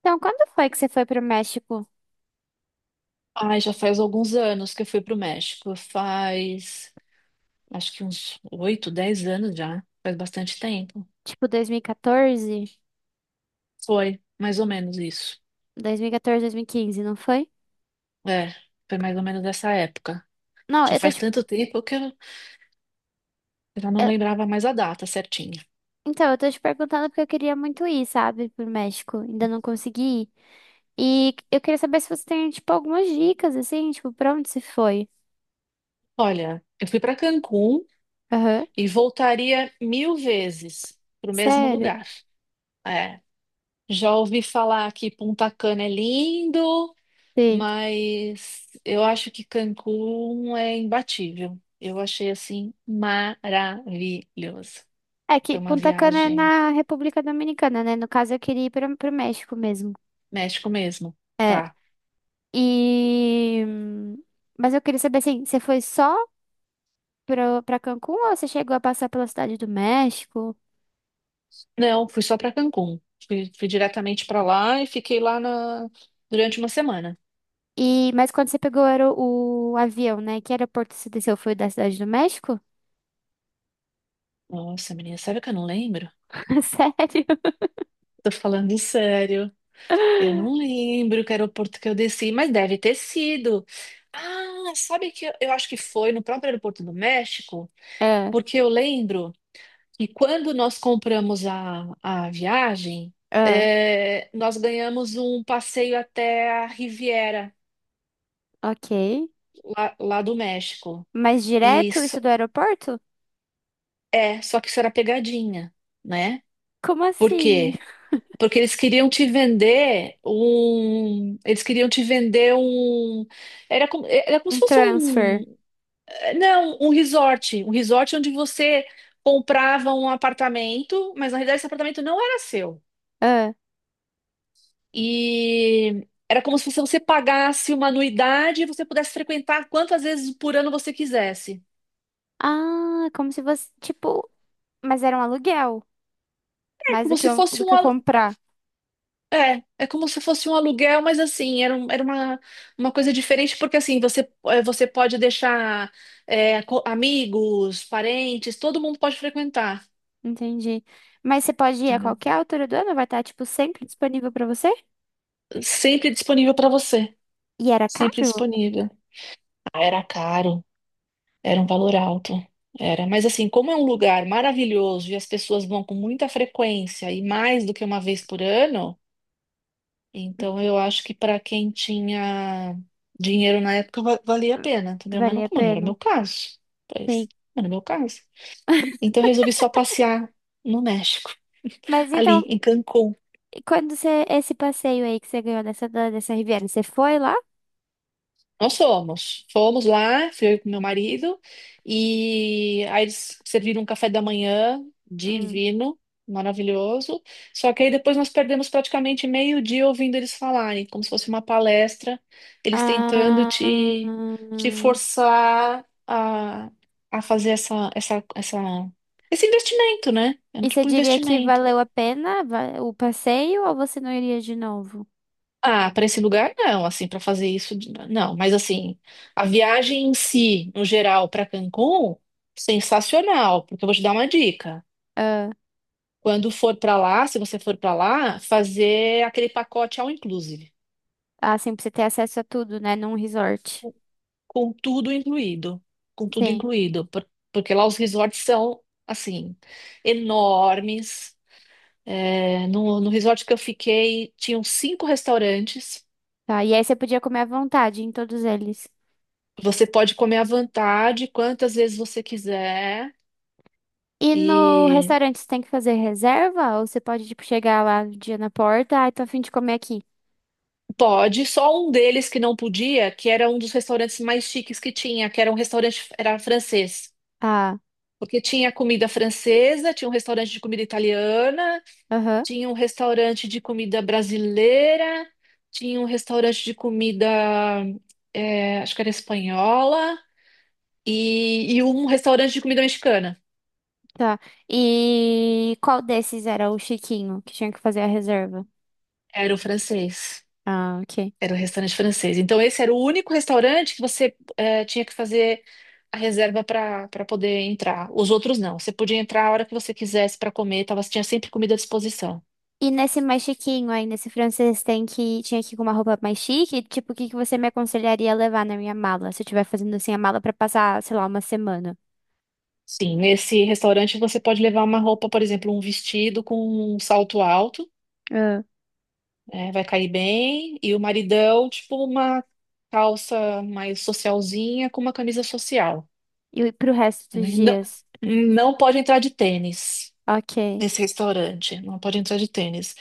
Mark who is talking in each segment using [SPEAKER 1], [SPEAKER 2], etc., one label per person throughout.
[SPEAKER 1] Então, quando foi que você foi pro México?
[SPEAKER 2] Ai, já faz alguns anos que eu fui pro México. Acho que uns 8, 10 anos já. Faz bastante tempo.
[SPEAKER 1] Tipo, dois dois dois mil mil
[SPEAKER 2] Foi, mais ou menos isso.
[SPEAKER 1] e e mil e quinze, não foi?
[SPEAKER 2] É, foi mais ou menos dessa época.
[SPEAKER 1] Não,
[SPEAKER 2] Já
[SPEAKER 1] eu tô
[SPEAKER 2] faz
[SPEAKER 1] te...
[SPEAKER 2] tanto tempo que eu já não
[SPEAKER 1] eu-
[SPEAKER 2] lembrava mais a data certinha.
[SPEAKER 1] Então, eu tô te perguntando porque eu queria muito ir, sabe, pro México. Ainda não consegui ir. E eu queria saber se você tem, tipo, algumas dicas, assim, tipo, pra onde você foi?
[SPEAKER 2] Olha, eu fui para Cancún
[SPEAKER 1] Aham.
[SPEAKER 2] e voltaria mil vezes pro mesmo
[SPEAKER 1] Sério?
[SPEAKER 2] lugar. É, já ouvi falar que Punta Cana é lindo.
[SPEAKER 1] Sim.
[SPEAKER 2] Mas eu acho que Cancún é imbatível. Eu achei assim maravilhoso.
[SPEAKER 1] É que
[SPEAKER 2] Foi uma
[SPEAKER 1] Punta Cana é
[SPEAKER 2] viagem
[SPEAKER 1] na República Dominicana, né? No caso, eu queria ir pro México mesmo.
[SPEAKER 2] México mesmo,
[SPEAKER 1] É.
[SPEAKER 2] tá?
[SPEAKER 1] E... Mas eu queria saber, assim, você foi só pra Cancún ou você chegou a passar pela Cidade do México?
[SPEAKER 2] Não, fui só para Cancún. Fui diretamente para lá e fiquei lá durante uma semana.
[SPEAKER 1] E, mas quando você pegou era o avião, né? Que aeroporto você desceu? Foi o da Cidade do México?
[SPEAKER 2] Nossa, menina, sério que eu não lembro?
[SPEAKER 1] Sério?
[SPEAKER 2] Tô falando sério. Eu não lembro que aeroporto que eu desci, mas deve ter sido. Ah, sabe que eu acho que foi no próprio aeroporto do México?
[SPEAKER 1] Ah,
[SPEAKER 2] Porque eu lembro. E quando nós compramos a viagem,
[SPEAKER 1] ah,
[SPEAKER 2] nós ganhamos um passeio até a Riviera,
[SPEAKER 1] ok.
[SPEAKER 2] lá do México.
[SPEAKER 1] Mas
[SPEAKER 2] E
[SPEAKER 1] direto isso
[SPEAKER 2] só-
[SPEAKER 1] do aeroporto?
[SPEAKER 2] só que isso era pegadinha, né?
[SPEAKER 1] Como
[SPEAKER 2] Por
[SPEAKER 1] assim?
[SPEAKER 2] quê? Porque eles queriam te vender um. Eles queriam te vender um. Era como se
[SPEAKER 1] Um
[SPEAKER 2] fosse
[SPEAKER 1] transfer.
[SPEAKER 2] um. Não, um resort. Um resort onde você comprava um apartamento, mas na realidade esse apartamento não era seu.
[SPEAKER 1] Ah.
[SPEAKER 2] E era como se você pagasse uma anuidade e você pudesse frequentar quantas vezes por ano você quisesse.
[SPEAKER 1] Ah, como se fosse, tipo, mas era um aluguel,
[SPEAKER 2] É
[SPEAKER 1] mais do
[SPEAKER 2] como
[SPEAKER 1] que,
[SPEAKER 2] se fosse
[SPEAKER 1] do
[SPEAKER 2] um
[SPEAKER 1] que
[SPEAKER 2] alu-
[SPEAKER 1] comprar.
[SPEAKER 2] é, é como se fosse um aluguel, mas assim, era uma coisa diferente, porque assim, você pode deixar amigos, parentes, todo mundo pode frequentar.
[SPEAKER 1] Entendi. Mas você pode ir a
[SPEAKER 2] Entendeu?
[SPEAKER 1] qualquer altura do ano, vai estar, tipo, sempre disponível pra você?
[SPEAKER 2] Sempre disponível para você.
[SPEAKER 1] E era
[SPEAKER 2] Sempre
[SPEAKER 1] caro?
[SPEAKER 2] disponível. Ah, era caro. Era um valor alto. Era, mas assim, como é um lugar maravilhoso e as pessoas vão com muita frequência e mais do que uma vez por ano, então eu acho que para quem tinha dinheiro na época valia a pena, entendeu? Mas não,
[SPEAKER 1] Valia a
[SPEAKER 2] como não era o
[SPEAKER 1] pena?
[SPEAKER 2] meu caso, pois,
[SPEAKER 1] Sim.
[SPEAKER 2] não era o meu caso. Então eu resolvi só passear no México,
[SPEAKER 1] Mas
[SPEAKER 2] ali
[SPEAKER 1] então,
[SPEAKER 2] em Cancún.
[SPEAKER 1] e quando você, esse passeio aí que você ganhou dessa Riviera, você foi lá?
[SPEAKER 2] Nós fomos. Fomos lá, fui eu com meu marido, e aí eles serviram um café da manhã
[SPEAKER 1] Hum.
[SPEAKER 2] divino, maravilhoso. Só que aí depois nós perdemos praticamente meio dia ouvindo eles falarem, como se fosse uma palestra, eles tentando
[SPEAKER 1] Ah,
[SPEAKER 2] te forçar a fazer esse investimento, né? É um
[SPEAKER 1] e você
[SPEAKER 2] tipo de
[SPEAKER 1] diria que
[SPEAKER 2] investimento.
[SPEAKER 1] valeu a pena o passeio ou você não iria de novo?
[SPEAKER 2] Ah, para esse lugar não, assim, para fazer isso, não. Mas assim, a viagem em si, no geral, para Cancún, sensacional, porque eu vou te dar uma dica.
[SPEAKER 1] Ah,
[SPEAKER 2] Quando for para lá, se você for para lá, fazer aquele pacote all inclusive,
[SPEAKER 1] ah, assim, pra você ter acesso a tudo, né? Num resort.
[SPEAKER 2] com com tudo incluído, com tudo
[SPEAKER 1] Sim.
[SPEAKER 2] incluído Porque lá os resorts são assim enormes. É, no resort que eu fiquei, tinham cinco restaurantes.
[SPEAKER 1] Tá. E aí você podia comer à vontade em todos eles.
[SPEAKER 2] Você pode comer à vontade, quantas vezes você quiser.
[SPEAKER 1] E no
[SPEAKER 2] E
[SPEAKER 1] restaurante você tem que fazer reserva? Ou você pode, tipo, chegar lá no dia na porta, ai, tô a fim de comer aqui.
[SPEAKER 2] pode, só um deles que não podia, que era um dos restaurantes mais chiques que tinha, que era um restaurante, era francês.
[SPEAKER 1] Ah,
[SPEAKER 2] Porque tinha comida francesa, tinha um restaurante de comida italiana,
[SPEAKER 1] aham,
[SPEAKER 2] tinha um restaurante de comida brasileira, tinha um restaurante de comida, acho que era espanhola, e um restaurante de comida mexicana.
[SPEAKER 1] tá. E qual desses era o chiquinho que tinha que fazer a reserva?
[SPEAKER 2] Era o francês.
[SPEAKER 1] Ah, ok.
[SPEAKER 2] Era um restaurante francês. Então, esse era o único restaurante que você tinha que fazer a reserva para poder entrar. Os outros não. Você podia entrar a hora que você quisesse para comer, tava, tinha sempre comida à disposição.
[SPEAKER 1] E nesse mais chiquinho aí, nesse francês, tinha que ir com uma roupa mais chique? Tipo, o que que você me aconselharia a levar na minha mala? Se eu estiver fazendo assim a mala pra passar, sei lá, uma semana.
[SPEAKER 2] Sim, nesse restaurante você pode levar uma roupa, por exemplo, um vestido com um salto alto,
[SPEAKER 1] Ah.
[SPEAKER 2] vai cair bem, e o maridão, tipo, uma calça mais socialzinha com uma camisa social.
[SPEAKER 1] E pro resto dos
[SPEAKER 2] Né? Não,
[SPEAKER 1] dias.
[SPEAKER 2] não pode entrar de tênis
[SPEAKER 1] Ok,
[SPEAKER 2] nesse restaurante, não pode entrar de tênis.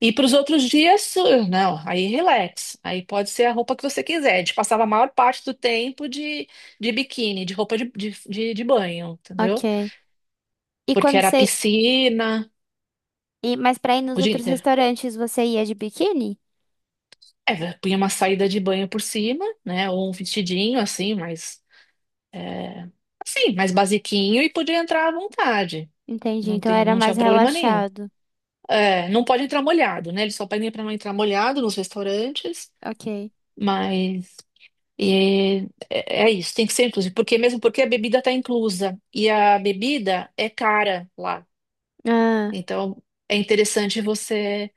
[SPEAKER 2] E para os outros dias, não, aí relax. Aí pode ser a roupa que você quiser. A gente passava a maior parte do tempo de biquíni, de roupa de banho, entendeu?
[SPEAKER 1] ok. E
[SPEAKER 2] Porque
[SPEAKER 1] quando
[SPEAKER 2] era
[SPEAKER 1] você.
[SPEAKER 2] piscina
[SPEAKER 1] E, mas pra ir nos
[SPEAKER 2] o dia
[SPEAKER 1] outros
[SPEAKER 2] inteiro.
[SPEAKER 1] restaurantes você ia de biquíni?
[SPEAKER 2] É, vé, punha uma saída de banho por cima, né? Ou um vestidinho assim, mas assim, mais basiquinho e podia entrar à vontade.
[SPEAKER 1] Entendi,
[SPEAKER 2] Não
[SPEAKER 1] então
[SPEAKER 2] tem,
[SPEAKER 1] era
[SPEAKER 2] não
[SPEAKER 1] mais
[SPEAKER 2] tinha problema nenhum.
[SPEAKER 1] relaxado.
[SPEAKER 2] É, não pode entrar molhado, né? Eles só pedem para não entrar molhado nos restaurantes,
[SPEAKER 1] Ok.
[SPEAKER 2] mas é isso, tem que ser inclusive, porque mesmo porque a bebida está inclusa e a bebida é cara lá.
[SPEAKER 1] Ah,
[SPEAKER 2] Então é interessante você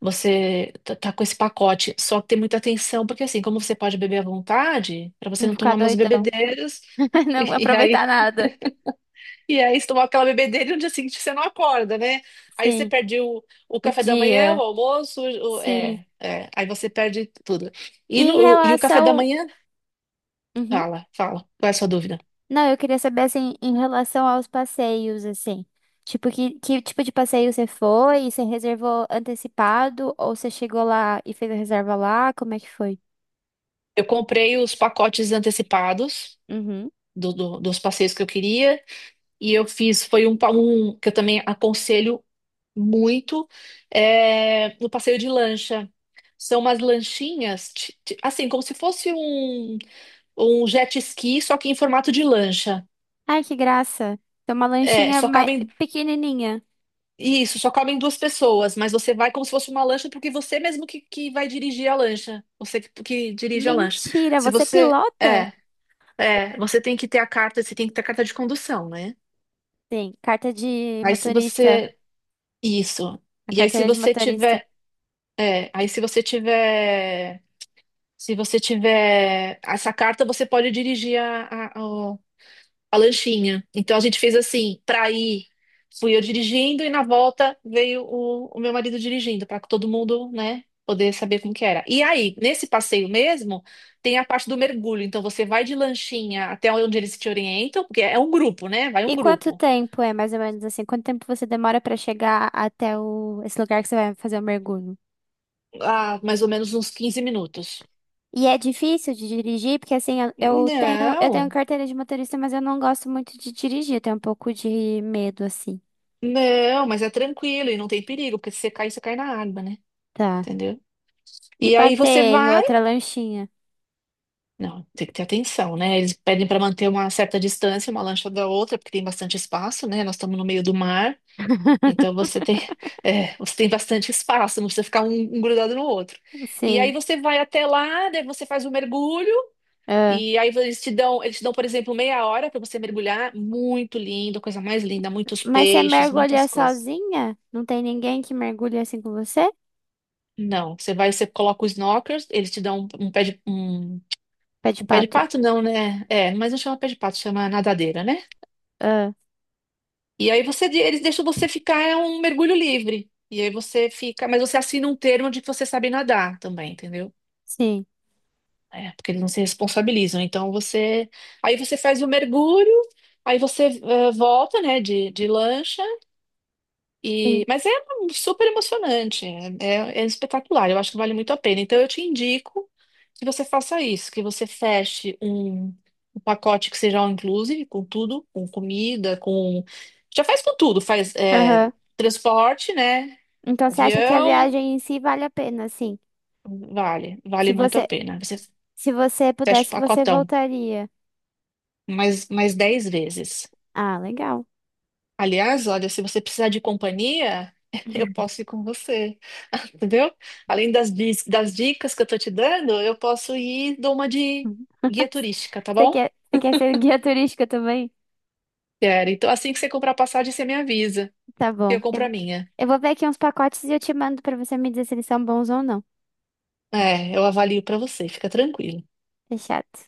[SPEAKER 2] você tá com esse pacote, só que ter muita atenção, porque assim, como você pode beber à vontade, para você
[SPEAKER 1] não
[SPEAKER 2] não
[SPEAKER 1] ficar
[SPEAKER 2] tomar umas
[SPEAKER 1] doidão.
[SPEAKER 2] bebedeiras.
[SPEAKER 1] Não vou
[SPEAKER 2] e aí
[SPEAKER 1] aproveitar nada.
[SPEAKER 2] e aí você tomar aquela bebedeira e no dia seguinte você não acorda, né? Aí você
[SPEAKER 1] Sim,
[SPEAKER 2] perde o
[SPEAKER 1] o
[SPEAKER 2] café da manhã, o
[SPEAKER 1] dia.
[SPEAKER 2] almoço,
[SPEAKER 1] Sim.
[SPEAKER 2] aí você perde tudo.
[SPEAKER 1] E
[SPEAKER 2] E
[SPEAKER 1] em
[SPEAKER 2] no, e o café da
[SPEAKER 1] relação.
[SPEAKER 2] manhã,
[SPEAKER 1] Uhum.
[SPEAKER 2] fala, fala, qual é a sua dúvida?
[SPEAKER 1] Não, eu queria saber assim, em relação aos passeios, assim. Tipo, que tipo de passeio você foi? Você reservou antecipado? Ou você chegou lá e fez a reserva lá? Como é que foi?
[SPEAKER 2] Eu comprei os pacotes antecipados
[SPEAKER 1] Uhum.
[SPEAKER 2] dos passeios que eu queria e eu foi um que eu também aconselho muito, no passeio de lancha. São umas lanchinhas, assim, como se fosse um jet ski, só que em formato de lancha.
[SPEAKER 1] Ai, que graça. Tem uma
[SPEAKER 2] É,
[SPEAKER 1] lanchinha
[SPEAKER 2] só
[SPEAKER 1] mais
[SPEAKER 2] cabem,
[SPEAKER 1] pequenininha.
[SPEAKER 2] isso, só cabem duas pessoas, mas você vai como se fosse uma lancha, porque você mesmo que vai dirigir a lancha, você que dirige a lancha.
[SPEAKER 1] Mentira,
[SPEAKER 2] Se
[SPEAKER 1] você
[SPEAKER 2] você,
[SPEAKER 1] pilota?
[SPEAKER 2] é, É, você tem que ter a carta, você tem que ter a carta de condução, né?
[SPEAKER 1] Sim, carta de
[SPEAKER 2] Aí se
[SPEAKER 1] motorista,
[SPEAKER 2] você. Isso.
[SPEAKER 1] a
[SPEAKER 2] E aí se
[SPEAKER 1] carteira de
[SPEAKER 2] você
[SPEAKER 1] motorista.
[SPEAKER 2] tiver. É, aí se você tiver. Se você tiver essa carta, você pode dirigir a lanchinha. Então a gente fez assim, pra ir, fui eu dirigindo e na volta veio o meu marido dirigindo, pra todo mundo, né, poder saber como que era. E aí, nesse passeio mesmo, tem a parte do mergulho. Então você vai de lanchinha até onde eles te orientam, porque é um grupo, né? Vai um
[SPEAKER 1] E quanto
[SPEAKER 2] grupo.
[SPEAKER 1] tempo é mais ou menos assim? Quanto tempo você demora pra chegar até esse lugar que você vai fazer o mergulho?
[SPEAKER 2] Ah, mais ou menos uns 15 minutos.
[SPEAKER 1] E é difícil de dirigir, porque assim, eu tenho
[SPEAKER 2] Não,
[SPEAKER 1] carteira de motorista, mas eu não gosto muito de dirigir, eu tenho um pouco de medo assim.
[SPEAKER 2] não, mas é tranquilo e não tem perigo, porque se você cair, você cai na água, né?
[SPEAKER 1] Tá.
[SPEAKER 2] Entendeu?
[SPEAKER 1] E
[SPEAKER 2] E aí
[SPEAKER 1] bater
[SPEAKER 2] você
[SPEAKER 1] em
[SPEAKER 2] vai.
[SPEAKER 1] outra lanchinha.
[SPEAKER 2] Não, tem que ter atenção, né? Eles pedem para manter uma certa distância, uma lancha da outra, porque tem bastante espaço, né? Nós estamos no meio do mar, então você tem, você tem bastante espaço, não precisa ficar um grudado no outro. E aí
[SPEAKER 1] Sim.
[SPEAKER 2] você vai até lá, daí você faz o mergulho,
[SPEAKER 1] Ah.
[SPEAKER 2] e aí eles te dão, por exemplo, meia hora para você mergulhar. Muito lindo, coisa mais linda, muitos
[SPEAKER 1] Mas você
[SPEAKER 2] peixes,
[SPEAKER 1] mergulha
[SPEAKER 2] muitas coisas.
[SPEAKER 1] sozinha? Não tem ninguém que mergulha assim com você?
[SPEAKER 2] Não, você vai, você coloca os snorkels, eles te dão um, um pé de um,
[SPEAKER 1] Pé de
[SPEAKER 2] um pé de
[SPEAKER 1] pato.
[SPEAKER 2] pato, não, né? É, mas não chama pé de pato, chama nadadeira, né?
[SPEAKER 1] Ah,
[SPEAKER 2] E aí eles deixam você ficar é um mergulho livre. E aí você fica, mas você assina um termo de que você sabe nadar também, entendeu?
[SPEAKER 1] sim.
[SPEAKER 2] É, porque eles não se responsabilizam. Aí você faz o mergulho, aí você volta, né, de lancha. E,
[SPEAKER 1] Sim.
[SPEAKER 2] mas é super emocionante, é espetacular, eu acho que vale muito a pena. Então eu te indico que você faça isso, que você feche um, pacote que seja all inclusive, com tudo, com comida, com. Já faz com tudo, faz
[SPEAKER 1] Aham.
[SPEAKER 2] transporte, né?
[SPEAKER 1] Então você acha que a
[SPEAKER 2] Avião,
[SPEAKER 1] viagem em si vale a pena, sim.
[SPEAKER 2] vale
[SPEAKER 1] Se
[SPEAKER 2] muito a
[SPEAKER 1] você,
[SPEAKER 2] pena. Você
[SPEAKER 1] se você
[SPEAKER 2] fecha o
[SPEAKER 1] pudesse, você
[SPEAKER 2] pacotão
[SPEAKER 1] voltaria.
[SPEAKER 2] mais 10 vezes.
[SPEAKER 1] Ah, legal.
[SPEAKER 2] Aliás, olha, se você precisar de companhia, eu posso ir com você, entendeu? Além das, das dicas que eu tô te dando, eu posso ir e dou uma de guia turística, tá
[SPEAKER 1] Você
[SPEAKER 2] bom?
[SPEAKER 1] quer, você quer ser guia turística também?
[SPEAKER 2] Quero. Então, assim que você comprar a passagem, você me avisa.
[SPEAKER 1] Tá
[SPEAKER 2] Eu
[SPEAKER 1] bom. Eu,
[SPEAKER 2] compro a
[SPEAKER 1] vou-
[SPEAKER 2] minha.
[SPEAKER 1] eu vou ver aqui uns pacotes e eu te mando pra você me dizer se eles são bons ou não.
[SPEAKER 2] É, eu avalio pra você, fica tranquilo.
[SPEAKER 1] Fechado.